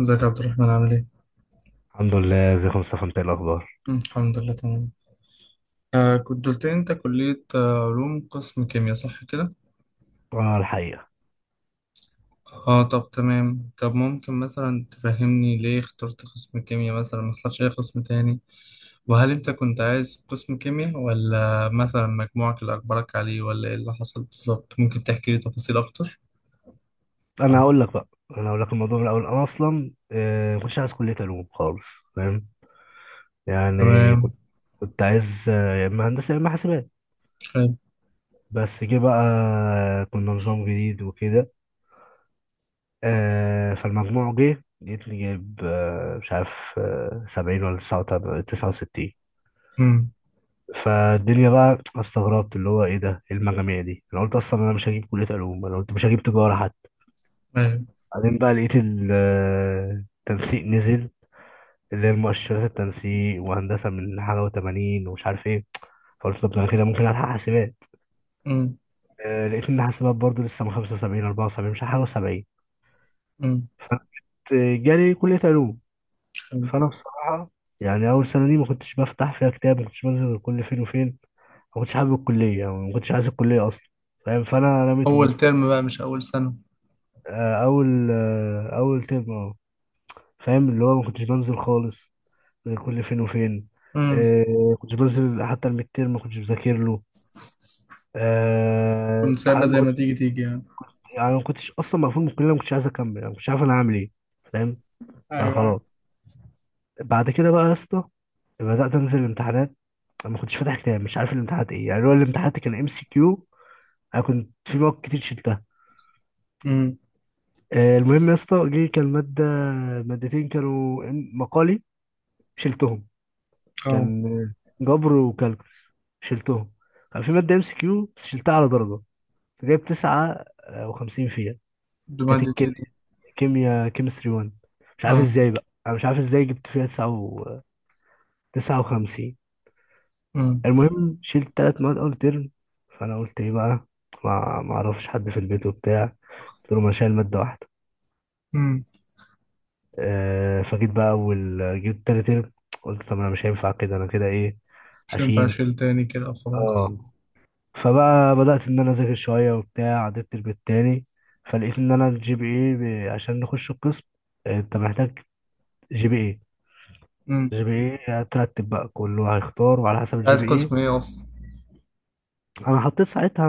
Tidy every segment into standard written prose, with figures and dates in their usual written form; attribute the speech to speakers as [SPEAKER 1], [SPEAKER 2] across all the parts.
[SPEAKER 1] ازيك يا عبد الرحمن، عامل ايه؟
[SPEAKER 2] الحمد لله، ازيك يا مصطفى؟ انت ايه الاخبار؟
[SPEAKER 1] الحمد لله تمام. آه، كنت قلت لي انت كلية علوم، قسم كيمياء، صح كده؟
[SPEAKER 2] اه الحقيقه.
[SPEAKER 1] اه، طب تمام. طب ممكن مثلا تفهمني ليه اخترت قسم كيمياء مثلا، ما اخترتش اي قسم تاني؟ وهل انت كنت عايز قسم كيمياء، ولا مثلا مجموعك اللي اجبرك عليه، ولا ايه اللي حصل بالظبط؟ ممكن تحكي لي تفاصيل اكتر؟
[SPEAKER 2] انا هقول لك بقى انا هقول لك الموضوع من الاول. انا اصلا ما كنتش عايز كليه علوم خالص. فاهم؟ يعني
[SPEAKER 1] تمام.
[SPEAKER 2] كنت عايز يا اما هندسه يا اما حاسبات.
[SPEAKER 1] حلو.
[SPEAKER 2] بس جه بقى، كنا نظام جديد وكده. فالمجموع جه لقيتني جايب، مش عارف، 70 ولا 69.
[SPEAKER 1] امم.
[SPEAKER 2] فالدنيا بقى استغربت، اللي هو ايه ده؟ ايه المجاميع دي؟ انا قلت اصلا انا مش هجيب كليه علوم، انا قلت مش هجيب تجاره.
[SPEAKER 1] ايوه.
[SPEAKER 2] بعدين بقى لقيت التنسيق نزل، اللي هي المؤشرات، التنسيق وهندسة من حاجة و80 ومش عارف ايه. فقلت طب ده انا كده ممكن ألحق حاسبات.
[SPEAKER 1] امم.
[SPEAKER 2] لقيت إن حاسبات برضه لسه من 75 74 مش عارف حاجة و70.
[SPEAKER 1] امم.
[SPEAKER 2] فجالي كلية علوم.
[SPEAKER 1] حلو.
[SPEAKER 2] فأنا بصراحة يعني أول سنة دي ما كنتش بفتح فيها كتاب، ما كنتش بنزل غير كل فين وفين، ما كنتش حابب الكلية، يعني ما كنتش عايز الكلية أصلا. فاهم؟ فأنا رميت
[SPEAKER 1] اول
[SPEAKER 2] وبيتها.
[SPEAKER 1] ترم بقى، مش اول سنة.
[SPEAKER 2] أول ترم، أه. فاهم، اللي هو ما كنتش بنزل خالص، كل فين وفين.
[SPEAKER 1] امم.
[SPEAKER 2] كنت بنزل حتى الميد تيرم ما كنتش بذاكر له.
[SPEAKER 1] كنت سايبها
[SPEAKER 2] ساعات ما
[SPEAKER 1] زي ما
[SPEAKER 2] كنتش.
[SPEAKER 1] تيجي تيجي يعني.
[SPEAKER 2] يعني ما كنتش اصلا مقفول من الكليه، ما كنتش عايز اكمل، يعني ما كنتش عارف انا هعمل ايه. فاهم؟
[SPEAKER 1] ايوه، ايوه.
[SPEAKER 2] فخلاص. بعد كده بقى يا اسطى بدات انزل الامتحانات. انا ما كنتش فاتح كتاب، مش عارف الامتحانات ايه، يعني هو الامتحانات كان ام سي كيو. انا كنت في مواد كتير شلتها.
[SPEAKER 1] امم.
[SPEAKER 2] المهم يا اسطى جه كان ماده، مادتين كانوا مقالي، شلتهم.
[SPEAKER 1] اه.
[SPEAKER 2] كان جبر وكالكولس، شلتهم. كان في ماده ام سي كيو بس شلتها على درجه، جايب 9 وخمسين فيها. كانت
[SPEAKER 1] بمادة ايه
[SPEAKER 2] الكيمياء،
[SPEAKER 1] دي؟
[SPEAKER 2] كيمياء كيمستري 1. مش عارف
[SPEAKER 1] اه.
[SPEAKER 2] ازاي بقى، انا مش عارف ازاي جبت فيها 59.
[SPEAKER 1] امم.
[SPEAKER 2] المهم شلت تلات مواد اول ترم. فانا قلت ايه بقى؟ ما اعرفش حد في البيت وبتاع، قلت له ما أنا شايل مادة واحدة.
[SPEAKER 1] امم.
[SPEAKER 2] أه فجيت بقى اول جبت تاني ترم، قلت طب انا مش هينفع كده، انا كده ايه،
[SPEAKER 1] مش هينفع
[SPEAKER 2] هشيل.
[SPEAKER 1] اشيل تاني كده، خلاص.
[SPEAKER 2] اه. فبقى بدأت ان انا اذاكر شوية وبتاع، عديت الترم التاني. فلقيت ان انا الجي بي اي عشان نخش القسم، انت محتاج جي بي ايه.
[SPEAKER 1] امم.
[SPEAKER 2] جي بي ايه هترتب بقى، كله هيختار وعلى حسب الجي
[SPEAKER 1] عايز
[SPEAKER 2] بي
[SPEAKER 1] قسم
[SPEAKER 2] ايه.
[SPEAKER 1] ايه اصلا؟
[SPEAKER 2] انا حطيت ساعتها،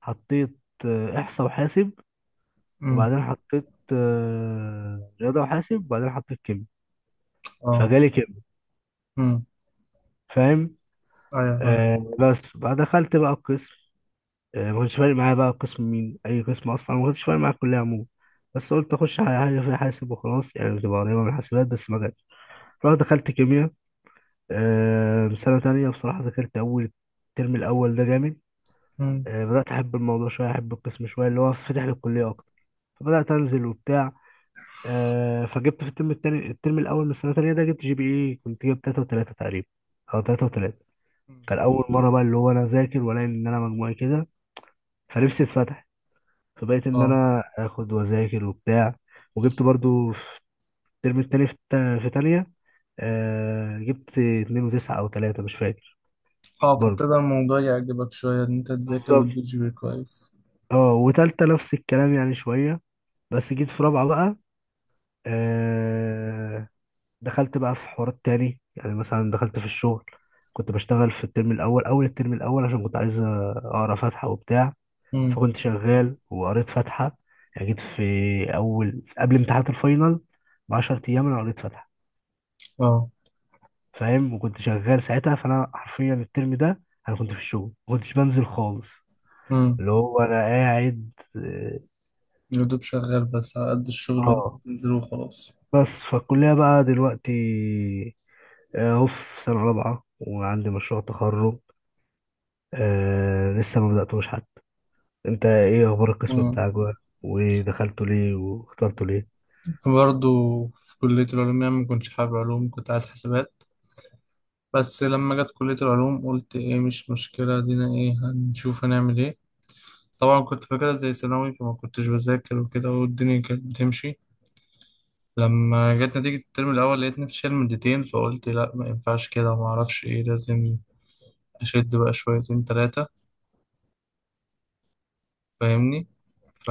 [SPEAKER 2] حطيت احصاء وحاسب،
[SPEAKER 1] امم.
[SPEAKER 2] وبعدين حطيت رياضه وحاسب، وبعدين حطيت كيمياء.
[SPEAKER 1] اه.
[SPEAKER 2] فجالي كيمياء.
[SPEAKER 1] امم.
[SPEAKER 2] فاهم؟
[SPEAKER 1] ايوه، فاهم.
[SPEAKER 2] بس بقى دخلت بقى القسم. ما كنتش فارق معايا بقى قسم مين، اي قسم، اصلا ما كنتش فارق معايا الكليه عموما. بس قلت اخش حاجه، حاجة فيها حاسب وخلاص، يعني بتبقى قريبه من الحاسبات، بس ما جاتش. رحت دخلت كيمياء. سنه تانية بصراحه ذاكرت. اول الترم الاول ده جامد.
[SPEAKER 1] امم.
[SPEAKER 2] بدأت أحب الموضوع شوية، أحب القسم شوية، اللي هو فاتح للكلية أكتر. فبدأت أنزل وبتاع. فجبت في الترم التاني، الترم الأول من السنة التانية ده، جبت جي بي إيه، كنت جايب 3.3 تقريبا، أو 3.3.
[SPEAKER 1] أمم.
[SPEAKER 2] كان أول مرة بقى اللي هو أنا أذاكر وألاقي إن أنا مجموعي كده. فنفسي اتفتح. فبقيت إن
[SPEAKER 1] اه.
[SPEAKER 2] أنا آخد وأذاكر وبتاع. وجبت برضو في الترم التاني، في تانية، جبت 2.9 أو تلاتة، مش فاكر.
[SPEAKER 1] اه،
[SPEAKER 2] برضو
[SPEAKER 1] فابتدى الموضوع يعجبك شوية، ان انت تذاكر
[SPEAKER 2] بالظبط.
[SPEAKER 1] وتجيب جي بي إيه كويس.
[SPEAKER 2] اه، وتالتة نفس الكلام يعني شوية. بس جيت في رابعة بقى، آه دخلت بقى في حوارات تاني، يعني مثلا دخلت في الشغل. كنت بشتغل في الترم الأول، أول الترم الأول، عشان كنت عايز أقرأ فاتحة وبتاع.
[SPEAKER 1] امم.
[SPEAKER 2] فكنت شغال وقريت فاتحة. يعني جيت في أول، قبل امتحانات الفاينل بـ10 أيام، أنا قريت فاتحة.
[SPEAKER 1] اه.
[SPEAKER 2] فاهم؟ وكنت شغال ساعتها، فأنا حرفيا الترم ده أنا كنت في الشغل، ما كنتش بنزل خالص.
[SPEAKER 1] امم.
[SPEAKER 2] اللي هو أنا قاعد
[SPEAKER 1] يا دوب شغال، بس على قد الشغل اللي
[SPEAKER 2] آه.
[SPEAKER 1] بتنزله وخلاص.
[SPEAKER 2] بس فالكلية بقى دلوقتي، أهو في سنة رابعة وعندي مشروع تخرج، لسه ما بدأتوش حتى. أنت إيه أخبار القسم
[SPEAKER 1] امم.
[SPEAKER 2] بتاعك بقى؟ ودخلته ليه واخترته ليه؟
[SPEAKER 1] برضه في كلية العلوم، يعني ما كنتش حابب علوم، كنت عايز حسابات. بس لما جت كلية العلوم، قلت ايه، مش مشكلة، دينا ايه، هنشوف هنعمل ايه. طبعا كنت فاكرها زي ثانوي، فما كنتش بذاكر وكده، والدنيا كانت بتمشي. لما جت نتيجة الترم الأول، لقيت نفسي شايل مادتين، فقلت لا، ما ينفعش كده، ما أعرفش إيه، لازم أشد بقى شويتين تلاتة. فاهمني.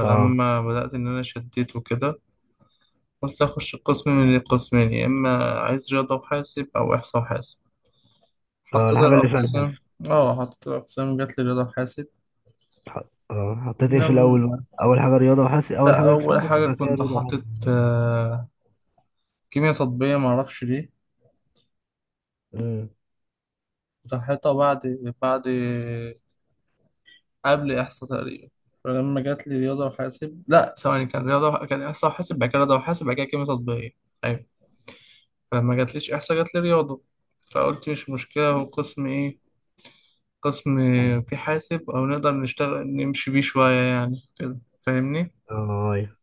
[SPEAKER 2] اه.
[SPEAKER 1] بدأت إن أنا شديت وكده، قلت أخش قسم من القسمين، يا إما عايز رياضة وحاسب أو إحصاء وحاسب.
[SPEAKER 2] اه
[SPEAKER 1] حطيت
[SPEAKER 2] الحاجة اللي فعلا
[SPEAKER 1] الأقسام.
[SPEAKER 2] حاسب.
[SPEAKER 1] آه، حطيت الأقسام، جات لي رياضة وحاسب.
[SPEAKER 2] اه حطيت ايه في
[SPEAKER 1] لم...
[SPEAKER 2] الأول بقى؟ أول حاجة رياضة وحاسب، أول
[SPEAKER 1] لا،
[SPEAKER 2] حاجة
[SPEAKER 1] أول
[SPEAKER 2] إكسام حاسب،
[SPEAKER 1] حاجة
[SPEAKER 2] بعد كده
[SPEAKER 1] كنت
[SPEAKER 2] رياضة وحاسب.
[SPEAKER 1] حاطط كيمياء تطبيقية، معرفش ليه.
[SPEAKER 2] أمم.
[SPEAKER 1] راحتها بعد بعد، قبل إحصاء تقريبا. فلما جات لي رياضة وحاسب، لا، ثواني، كان رياضة، كان إحصاء وحاسب بعد كده رياضة وحاسب بعد كده كيمياء تطبيقية. أيوة. فلما جاتليش إحصاء، جاتلي رياضة. فقلت مش مشكلة، هو قسم إيه؟ قسم في حاسب، أو نقدر نشتغل نمشي بيه شوية يعني كده، فاهمني.
[SPEAKER 2] اه أيوه.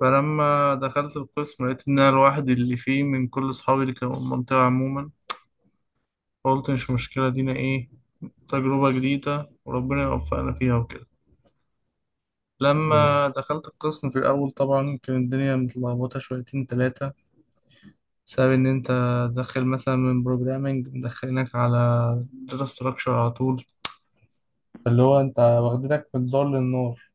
[SPEAKER 1] فلما دخلت القسم، لقيت إن أنا لوحدي اللي فيه من كل أصحابي اللي كانوا في المنطقة عموما. فقلت مش مشكلة، دينا إيه، تجربة جديدة وربنا يوفقنا فيها وكده.
[SPEAKER 2] أمم.
[SPEAKER 1] لما دخلت القسم في الأول، طبعا كانت الدنيا متلخبطة شويتين تلاتة، بسبب إن أنت داخل مثلا من بروجرامينج مدخلينك على داتا ستراكشر على طول، اللي هو أنت واخدينك من الدار للنار.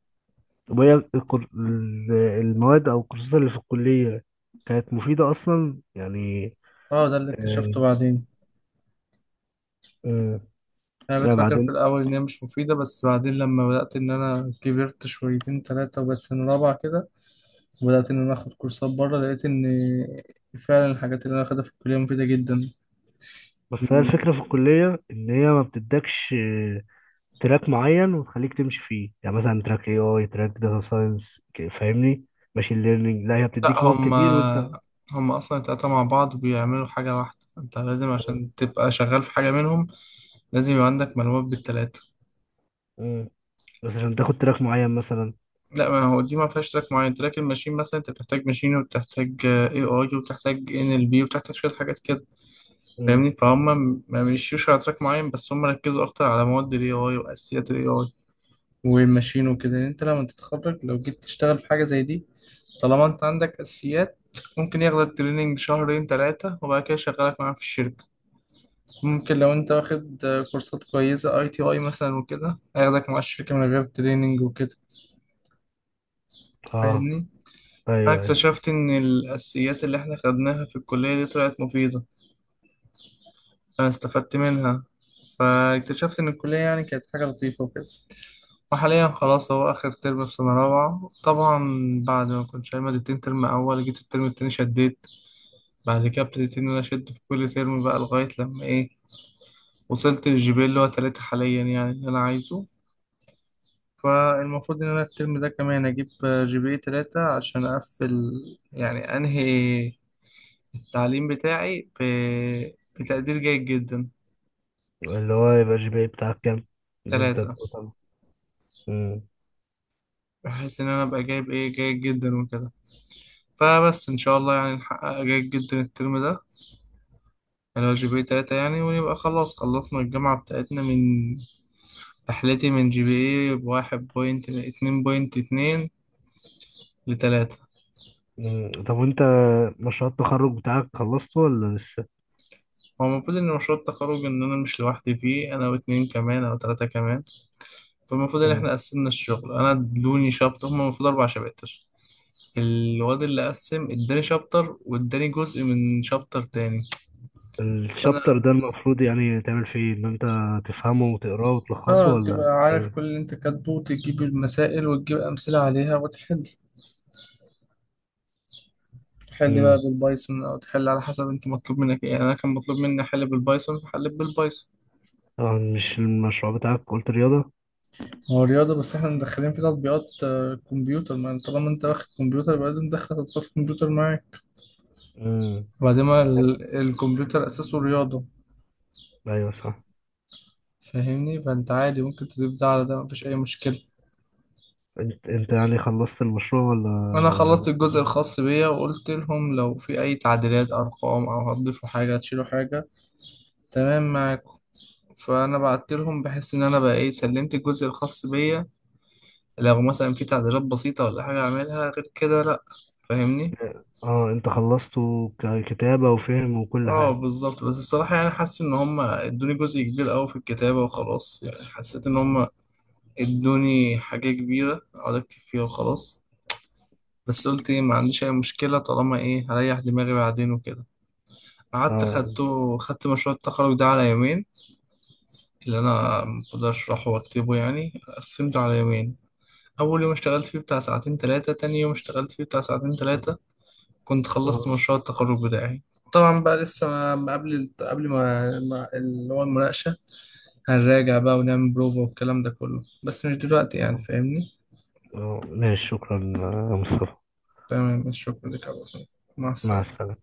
[SPEAKER 2] طب وهي المواد أو الكورسات اللي في الكلية كانت مفيدة أصلا يعني؟
[SPEAKER 1] اه، ده اللي
[SPEAKER 2] آه.
[SPEAKER 1] اكتشفته بعدين.
[SPEAKER 2] آه.
[SPEAKER 1] أنا كنت
[SPEAKER 2] لا
[SPEAKER 1] فاكر في
[SPEAKER 2] بعدين.
[SPEAKER 1] الأول إن هي مش مفيدة، بس بعدين لما بدأت إن أنا كبرت شويتين تلاتة وبقت سنة رابعة كده، وبدأت إن أنا آخد كورسات بره، لقيت إن فعلا الحاجات اللي أنا آخدها في الكلية مفيدة جدا.
[SPEAKER 2] بس هي الفكرة في الكلية إن هي ما بتدكش تراك معين وتخليك تمشي فيه، يعني مثلا تراك اي اي، تراك داتا ساينس، فاهمني، ماشين ليرنينج. لا هي
[SPEAKER 1] لا،
[SPEAKER 2] بتديك مواد
[SPEAKER 1] هم
[SPEAKER 2] كتير وانت.
[SPEAKER 1] هم اصلا التلاتة مع بعض بيعملوا حاجة واحدة، انت لازم عشان تبقى شغال في حاجة منهم لازم يبقى عندك معلومات بالتلاتة.
[SPEAKER 2] مم. بس عشان تاخد تراك معين مثلا.
[SPEAKER 1] لا، ما هو دي ما فيهاش تراك معين، تراك الماشين مثلا انت بتحتاج ماشين وبتحتاج اي اي وبتحتاج ان ال بي وبتحتاج شوية حاجات كده،
[SPEAKER 2] مم.
[SPEAKER 1] فاهمني، فهم. ما مشيوش على تراك معين، بس هم ركزوا اكتر على مواد الاي اي واساسيات الاي اي والماشين وكده. يعني انت لما تتخرج لو جيت تشتغل في حاجة زي دي، طالما انت عندك اساسيات، ممكن ياخدك تريننج شهرين ثلاثة وبعد كده يشغلك معاه في الشركة. ممكن لو انت واخد كورسات كويسة اي تي اي مثلا وكده، هياخدك مع الشركة من غير تريننج وكده،
[SPEAKER 2] اه
[SPEAKER 1] فاهمني. انا
[SPEAKER 2] ايوه ايوه.
[SPEAKER 1] اكتشفت ان الاساسيات اللي احنا خدناها في الكلية دي طلعت مفيدة، انا استفدت منها. فاكتشفت ان الكلية يعني كانت حاجة لطيفة وكده. وحاليا خلاص، هو اخر ترم في سنة رابعة طبعا. بعد ما كنت شايل مادتين ترم اول، جيت الترم التاني شديت. بعد كده ابتديت ان انا اشد في كل ترم بقى، لغاية لما ايه، وصلت للجي بي إيه اللي هو 3 حاليا، يعني اللي انا عايزه. فالمفروض إن أنا الترم ده كمان أجيب جي بي اي 3، عشان أقفل، يعني أنهي التعليم بتاعي بتقدير جيد جدا.
[SPEAKER 2] اللي هو يبقى الجي بي اي بتاعك كام اللي انت؟
[SPEAKER 1] 3.
[SPEAKER 2] طب. مم.
[SPEAKER 1] بحيث إن أنا أبقى جايب إيه، جيد جدا وكده. فبس إن شاء الله يعني نحقق جيد جدا الترم ده، اللي هو جي بي اي 3 يعني، ونبقى خلاص خلصنا الجامعة بتاعتنا. من رحلتي من جي بي اي بواحد بوينت اتنين، .2 لتلاتة.
[SPEAKER 2] مم. طب وانت مشروع التخرج بتاعك خلصته ولا لسه؟
[SPEAKER 1] هو المفروض إن مشروع التخرج، إن أنا مش لوحدي فيه، أنا واتنين كمان أو تلاتة كمان. فالمفروض ان
[SPEAKER 2] مم.
[SPEAKER 1] احنا قسمنا الشغل، انا ادوني شابتر، هما المفروض 4 شباتر. الواد اللي قسم اداني شابتر واداني جزء من شابتر تاني. فانا.
[SPEAKER 2] الشابتر ده المفروض يعني تعمل فيه ايه؟ ان انت تفهمه وتقراه وتلخصه
[SPEAKER 1] اه، تبقى
[SPEAKER 2] ولا
[SPEAKER 1] عارف
[SPEAKER 2] تعمل؟
[SPEAKER 1] كل اللي انت كاتبه وتجيب المسائل وتجيب أمثلة عليها وتحل. تحل بقى
[SPEAKER 2] مم.
[SPEAKER 1] بالبايثون، أو تحل على حسب انت مطلوب منك ايه، يعني أنا كان مطلوب مني أحل بالبايثون، فحليت بالبايثون.
[SPEAKER 2] طبعا مش المشروع بتاعك قلت رياضة؟
[SPEAKER 1] هو رياضة، بس احنا مدخلين في تطبيقات كمبيوتر، ما انت طالما انت واخد كمبيوتر، يبقى لازم تدخل تطبيقات كمبيوتر معاك.
[SPEAKER 2] مم.
[SPEAKER 1] وبعدين ما ال- الكمبيوتر أساسه رياضة.
[SPEAKER 2] ايوه صح.
[SPEAKER 1] فاهمني، فانت عادي ممكن تضيف ده على ده، مفيش اي مشكلة.
[SPEAKER 2] انت، انت يعني خلصت المشروع ولا
[SPEAKER 1] انا
[SPEAKER 2] ولا
[SPEAKER 1] خلصت
[SPEAKER 2] لسه؟
[SPEAKER 1] الجزء الخاص بيا، وقلت لهم لو في اي تعديلات، ارقام او هتضيفوا حاجة هتشيلوا حاجة، تمام معاكم. فانا بعت لهم بحس ان انا بقى ايه، سلمت الجزء الخاص بيا. لو مثلا في تعديلات بسيطة ولا حاجة اعملها غير كده، لا، فاهمني.
[SPEAKER 2] اه انت خلصته ككتابة وفهم وكل
[SPEAKER 1] اه،
[SPEAKER 2] حاجة؟
[SPEAKER 1] بالظبط. بس الصراحة يعني حاسس ان هم ادوني جزء كبير اوي في الكتابة وخلاص، يعني حسيت ان هم ادوني حاجة كبيرة اقعد اكتب فيها وخلاص. بس قلت ايه، ما عنديش اي مشكله طالما ايه هريح دماغي بعدين وكده. قعدت
[SPEAKER 2] اه.
[SPEAKER 1] خدته، خدت مشروع التخرج ده على يومين، اللي انا مقدرش اشرحه واكتبه يعني قسمته على يومين. اول يوم اشتغلت فيه بتاع ساعتين ثلاثه، تاني يوم اشتغلت فيه بتاع ساعتين ثلاثه، كنت خلصت
[SPEAKER 2] اه.
[SPEAKER 1] مشروع التخرج بتاعي. طبعا بقى لسه ما قبل اللي هو المناقشه. هنراجع بقى ونعمل بروفا والكلام ده كله، بس مش دلوقتي يعني،
[SPEAKER 2] اه.
[SPEAKER 1] فاهمني.
[SPEAKER 2] ماشي، شكرا يا مصطفى.
[SPEAKER 1] تمام، شكرا لك يا عبد الرحمن. مع
[SPEAKER 2] مع
[SPEAKER 1] السلامه.
[SPEAKER 2] السلامة.